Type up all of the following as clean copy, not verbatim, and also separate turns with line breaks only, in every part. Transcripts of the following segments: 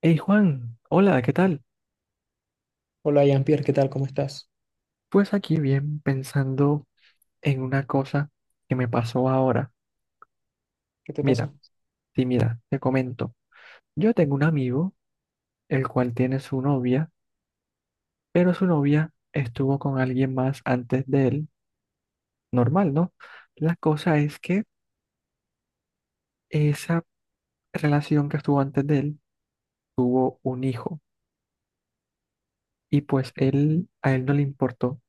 Hey Juan, hola, ¿qué tal?
Hola, Jean-Pierre, ¿qué tal? ¿Cómo estás?
Pues aquí bien pensando en una cosa que me pasó ahora.
¿Qué te
Mira,
pasó?
sí, mira, te comento. Yo tengo un amigo, el cual tiene su novia, pero su novia estuvo con alguien más antes de él, normal, ¿no? La cosa es que esa relación que estuvo antes de él, tuvo un hijo, y pues él, a él no le importó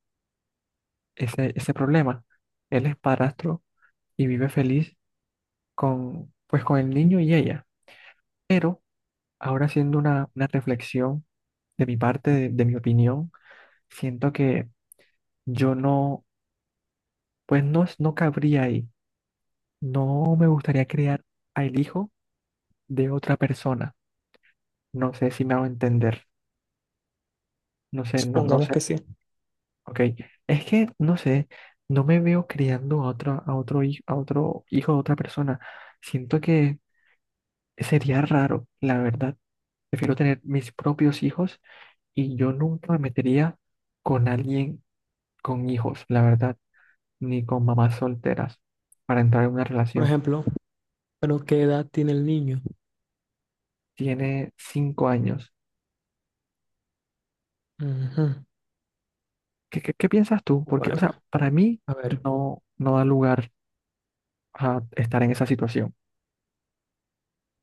ese problema. Él es padrastro y vive feliz con, pues, con el niño y ella. Pero ahora haciendo una reflexión de mi parte, de mi opinión, siento que yo no, pues no cabría ahí. No me gustaría criar al hijo de otra persona. No sé si me hago entender. No sé, no
Supongamos
sé.
que sí.
Ok. Es que, no sé, no me veo criando a otro hijo de otra persona. Siento que sería raro, la verdad. Prefiero tener mis propios hijos y yo nunca me metería con alguien con hijos, la verdad. Ni con mamás solteras para entrar en una
Por
relación.
ejemplo, ¿pero qué edad tiene el niño?
Tiene 5 años.
Ujú.
¿ Qué piensas tú? Porque, o sea,
Bueno,
para mí
a ver,
no da lugar a estar en esa situación.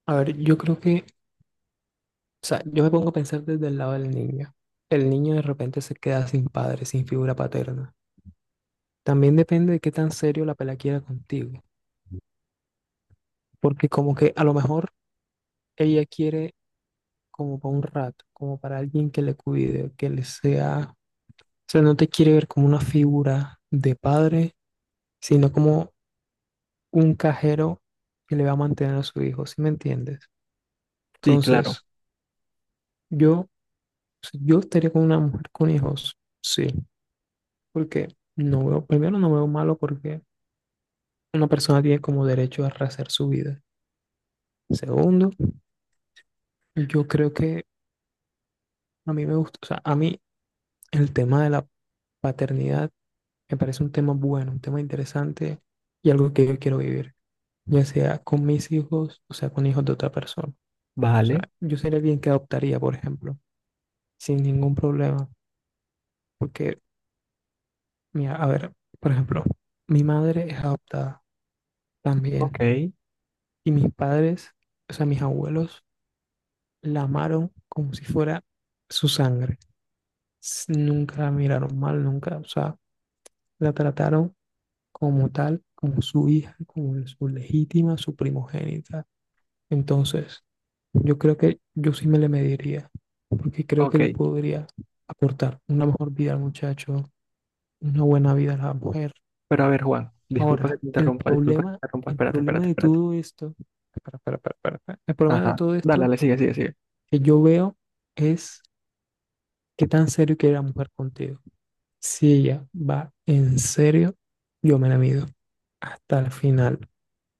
yo creo que, o sea, yo me pongo a pensar desde el lado del niño. El niño de repente se queda sin padre, sin figura paterna. También depende de qué tan serio la pela quiera contigo, porque como que a lo mejor ella quiere como para un rato, como para alguien que le cuide, que le sea, o sea, no te quiere ver como una figura de padre, sino como un cajero que le va a mantener a su hijo, ¿sí me entiendes?
Sí,
Entonces,
claro,
yo, si yo estaría con una mujer con hijos, sí, porque no veo, primero no veo malo porque una persona tiene como derecho a rehacer su vida. Segundo, yo creo que a mí me gusta, o sea, a mí el tema de la paternidad me parece un tema bueno, un tema interesante y algo que yo quiero vivir, ya sea con mis hijos, o sea, con hijos de otra persona. O sea,
vale,
yo sería alguien que adoptaría, por ejemplo, sin ningún problema. Porque, mira, a ver, por ejemplo, mi madre es adoptada también
ok,
y mis padres, o sea, mis abuelos, la amaron como si fuera su sangre. S- Nunca la miraron mal, nunca, o sea, la trataron como tal, como su hija, como su legítima, su primogénita. Entonces, yo creo que yo sí me le mediría, porque creo que
ok.
le podría aportar una mejor vida al muchacho, una buena vida a la mujer.
Pero a ver, Juan, disculpa que
Ahora,
te interrumpa, disculpa que te interrumpa,
el
espérate,
problema
espérate,
de
espérate.
todo esto, el problema de
Ajá,
todo
dale,
esto
dale, sigue, sigue, sigue.
que yo veo es qué tan serio quiere la mujer contigo. Si ella va en serio, yo me la mido hasta el final.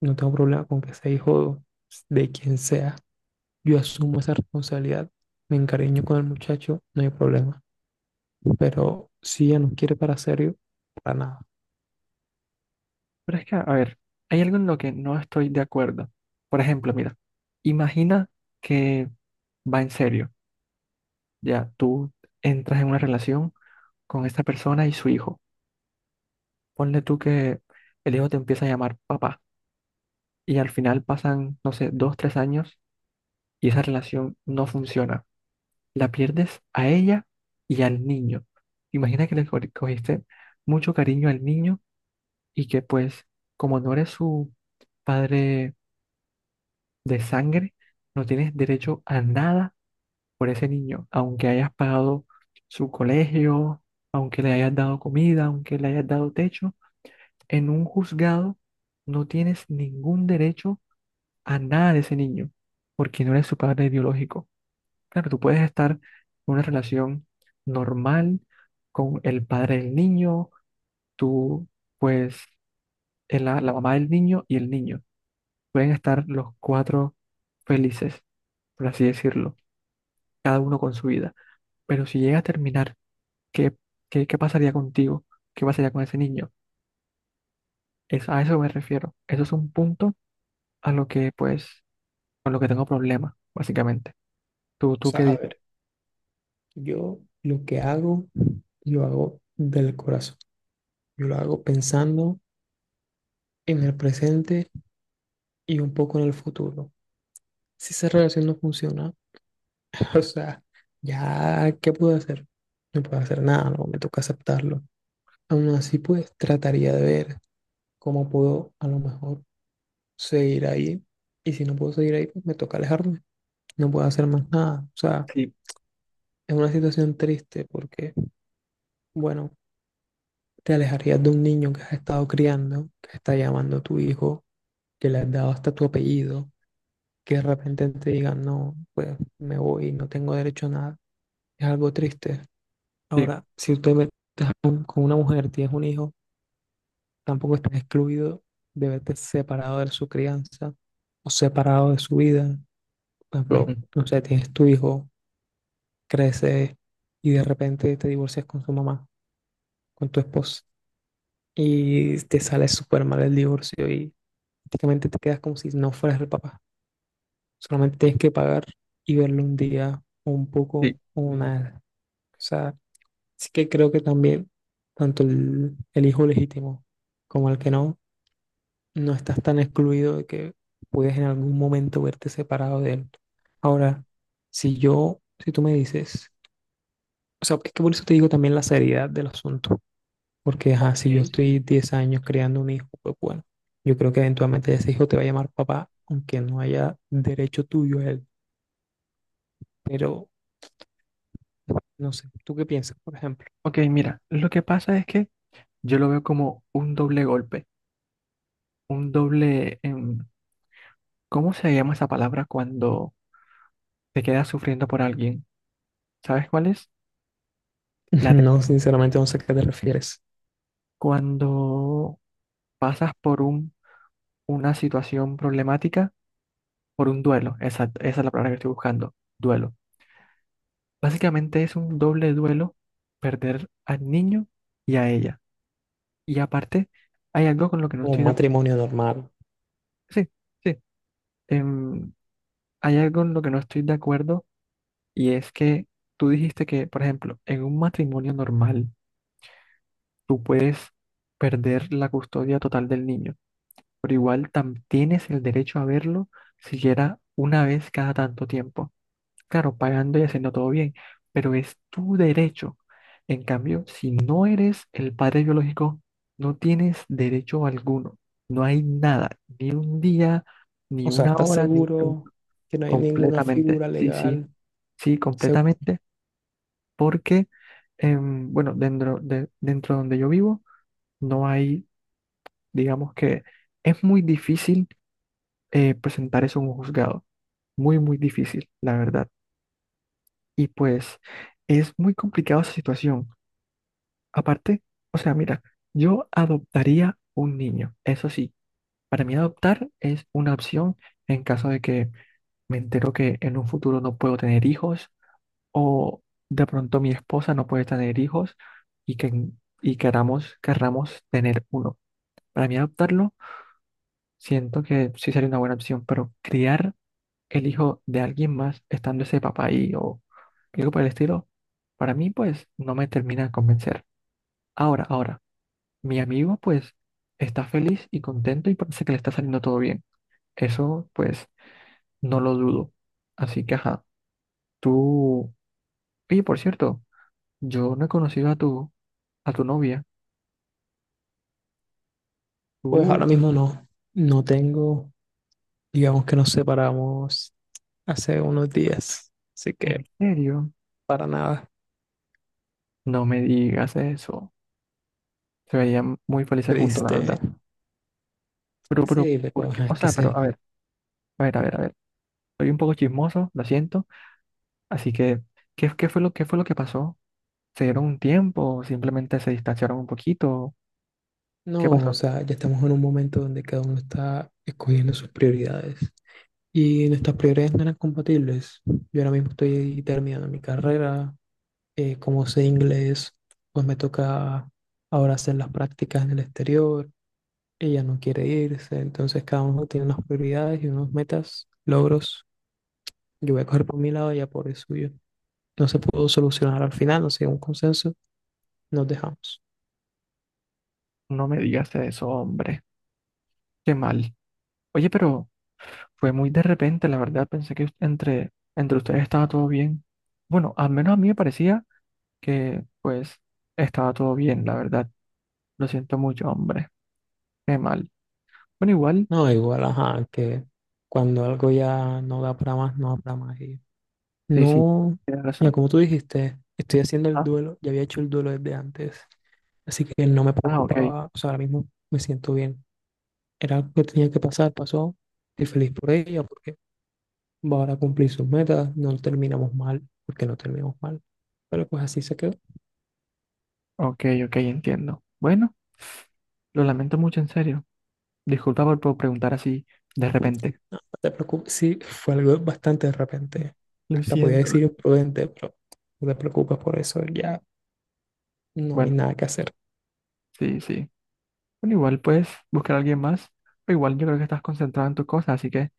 No tengo problema con que sea hijo de quien sea. Yo asumo esa responsabilidad, me encariño con el muchacho, no hay problema. Pero si ella no quiere para serio, para nada. O
Pero es que, a ver, hay algo en lo que no estoy de acuerdo. Por ejemplo, mira, imagina que va en serio, ya tú entras en una relación con esta persona y su hijo. Ponle tú que el hijo te empieza a llamar papá y al final pasan, no sé, dos, tres años y esa relación no funciona. La pierdes a ella y al niño. Imagina que le cogiste mucho cariño al niño y que pues como no eres su padre de sangre, no tienes derecho a nada por ese niño, aunque hayas pagado su colegio, aunque le hayas dado comida, aunque le hayas dado techo, en un juzgado no tienes ningún derecho a nada de ese niño, porque no eres su padre biológico. Claro, tú puedes estar en una relación normal con el padre del niño, tú, pues, la mamá del niño y el niño. Pueden estar los cuatro felices, por así decirlo, cada uno con su vida. Pero si llega a terminar, ¿qué, qué pasaría contigo? ¿Qué pasaría con ese niño? Es, a eso me refiero. Eso es un punto a lo que, pues, con lo que tengo problema, básicamente. ¿Tú
sea,
qué
a
dices?
ver, yo lo que hago, lo hago del corazón. Yo lo hago pensando en el presente y un poco en el futuro. Si esa relación no funciona, o sea, ya, ¿qué puedo hacer? No puedo hacer nada, no, me toca aceptarlo. Aún así, pues trataría de ver cómo puedo a lo mejor seguir ahí. Y si no puedo seguir ahí, pues me toca alejarme. No puedo hacer más nada. O sea,
Sí,
es una situación triste porque, bueno, te alejarías de un niño que has estado criando, que está llamando a tu hijo, que le has dado hasta tu apellido, que de repente te digan, no, pues me voy, no tengo derecho a nada, es algo triste.
sí.
Ahora, si usted ve- te has con una mujer, tienes un hijo, tampoco estás excluido de verte separado de su crianza o separado de su vida. Por ejemplo, no sé, tienes tu hijo, crece y de repente te divorcias con su mamá, con tu esposa, y te sale súper mal el divorcio y prácticamente te quedas como si no fueras el papá. Solamente tienes que pagar y verlo un día o un
Sí.
poco o nada. O sea, así que creo que también, tanto el hijo legítimo como el que no, no estás tan excluido de que puedes en algún momento verte separado de él. Ahora, si yo, si tú me dices, o sea, es que por eso te digo también la seriedad del asunto, porque ajá, si yo
Ok.
estoy 10 años creando un hijo, pues bueno, yo creo que eventualmente ese hijo te va a llamar papá, aunque no haya derecho tuyo a él, pero no sé, ¿tú qué piensas, por ejemplo?
Ok, mira, lo que pasa es que yo lo veo como un doble golpe, un doble¿cómo se llama esa palabra cuando te quedas sufriendo por alguien? ¿Sabes cuál es? La te-
No, sinceramente no sé a qué te refieres.
Cuando pasas por un, una situación problemática, por un duelo, exacto, esa es la palabra que estoy buscando, duelo. Básicamente es un doble duelo perder al niño y a ella. Y aparte, hay algo con lo que no estoy
Un
de acuerdo.
matrimonio normal.
Sí, sí. em, hay algo en lo que no estoy de acuerdo y es que tú dijiste que, por ejemplo, en un matrimonio normal tú puedes perder la custodia total del niño, pero igual tienes el derecho a verlo siquiera una vez cada tanto tiempo. Claro, pagando y haciendo todo bien, pero es tu derecho. En cambio, si no eres el padre biológico, no tienes derecho alguno. No hay nada, ni un día, ni
O sea,
una
¿estás
hora, ni un segundo,
seguro que no hay ninguna
completamente.
figura
Sí, sí.
legal?
Sí,
Segu-
completamente, porque, bueno, dentro donde yo vivo, no hay, digamos que es muy difícil presentar eso en un juzgado, muy, muy difícil, la verdad. Y pues es muy complicada esa situación. Aparte, o sea, mira, yo adoptaría un niño, eso sí, para mí adoptar es una opción en caso de que me entero que en un futuro no puedo tener hijos, o de pronto mi esposa no puede tener hijos y, que, y querramos tener uno. Para mí adoptarlo, siento que sí sería una buena opción, pero criar el hijo de alguien más estando ese papá ahí o algo por el estilo, para mí pues no me termina de convencer. Ahora, ahora, mi amigo pues está feliz y contento y parece que le está saliendo todo bien. Eso pues no lo dudo. Así que ajá, tú... Y por cierto, yo no he conocido a tu novia.
Pues
¿Tú,
ahora mismo no. No tengo, digamos que nos separamos hace unos días, así que
en serio?
para nada
No me digas eso. Se veían muy felices juntos, la
triste.
verdad. Pero,
Sí, pero
¿por qué?
ajá,
O
es que
sea, pero,
se.
a ver, a ver, a ver, a ver. Soy un poco chismoso, lo siento. Así que, ¿ qué fue lo que pasó? ¿Se dieron un tiempo? ¿Simplemente se distanciaron un poquito? ¿Qué
No, o
pasó?
sea, ya estamos en un momento donde cada uno está escogiendo sus prioridades y nuestras prioridades no eran compatibles. Yo ahora mismo estoy terminando mi carrera, como sé inglés, pues me toca ahora hacer las prácticas en el exterior. Ella no quiere irse, entonces cada uno tiene unas prioridades y unas metas, logros. Yo voy a coger por mi lado, ella por el suyo. No se pudo solucionar al final, no se llegó a un consenso, nos dejamos.
No me digas eso, hombre. Qué mal. Oye, pero fue muy de repente, la verdad. Pensé que entre ustedes estaba todo bien. Bueno, al menos a mí me parecía que pues estaba todo bien, la verdad. Lo siento mucho, hombre. Qué mal. Bueno, igual,
No, igual, ajá, que cuando algo ya no da para más, no da para más. Y
sí, sí,
no,
tienes
ya
razón.
como tú dijiste, estoy haciendo el
Ah,
duelo, ya había hecho el duelo desde antes, así que no me
ah, ok,
preocupaba, o sea, ahora mismo me siento bien. Era algo que tenía que pasar, pasó, estoy feliz por ella, porque Bora cumplir sus metas, no terminamos mal, porque no terminamos mal. Pero pues así se quedó, no
ok, ok, entiendo. Bueno, lo lamento mucho, en serio. Disculpa por preguntar así de repente.
te preocupes. Sí, fue algo bastante de repente.
Lo
Hasta podía
siento.
decir imprudente, pero no te preocupes por eso, ya no hay
Bueno,
nada que hacer.
sí, sí. Bueno, igual puedes buscar a alguien más. O igual yo creo que estás concentrado en tus cosas, así que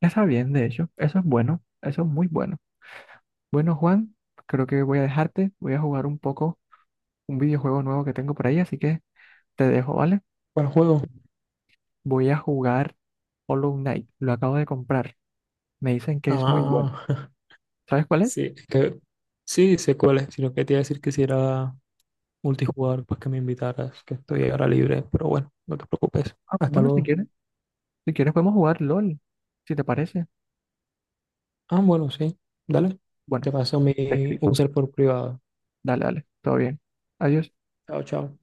está bien, de hecho. Eso es bueno, eso es muy bueno. Bueno, Juan, creo que voy a dejarte. Voy a jugar un poco un videojuego nuevo que tengo por ahí, así que... Te dejo, ¿vale?
¿Cuál juego?
Voy a jugar Hollow Knight. Lo acabo de comprar. Me dicen que es muy bueno.
Ah,
¿Sabes cuál es?
sí, es que sí, sé cuál es, sino que te iba a decir que si era multijugador, pues que me invitaras, que estoy ahora libre, pero bueno, no te preocupes.
Ah,
Hasta
bueno, si
luego.
quieres, podemos jugar LOL, si te parece.
Ah, bueno, sí, dale.
Bueno,
Te paso mi
te escribo.
user por privado.
Dale, dale. Todo bien. Adiós.
Chao, chao.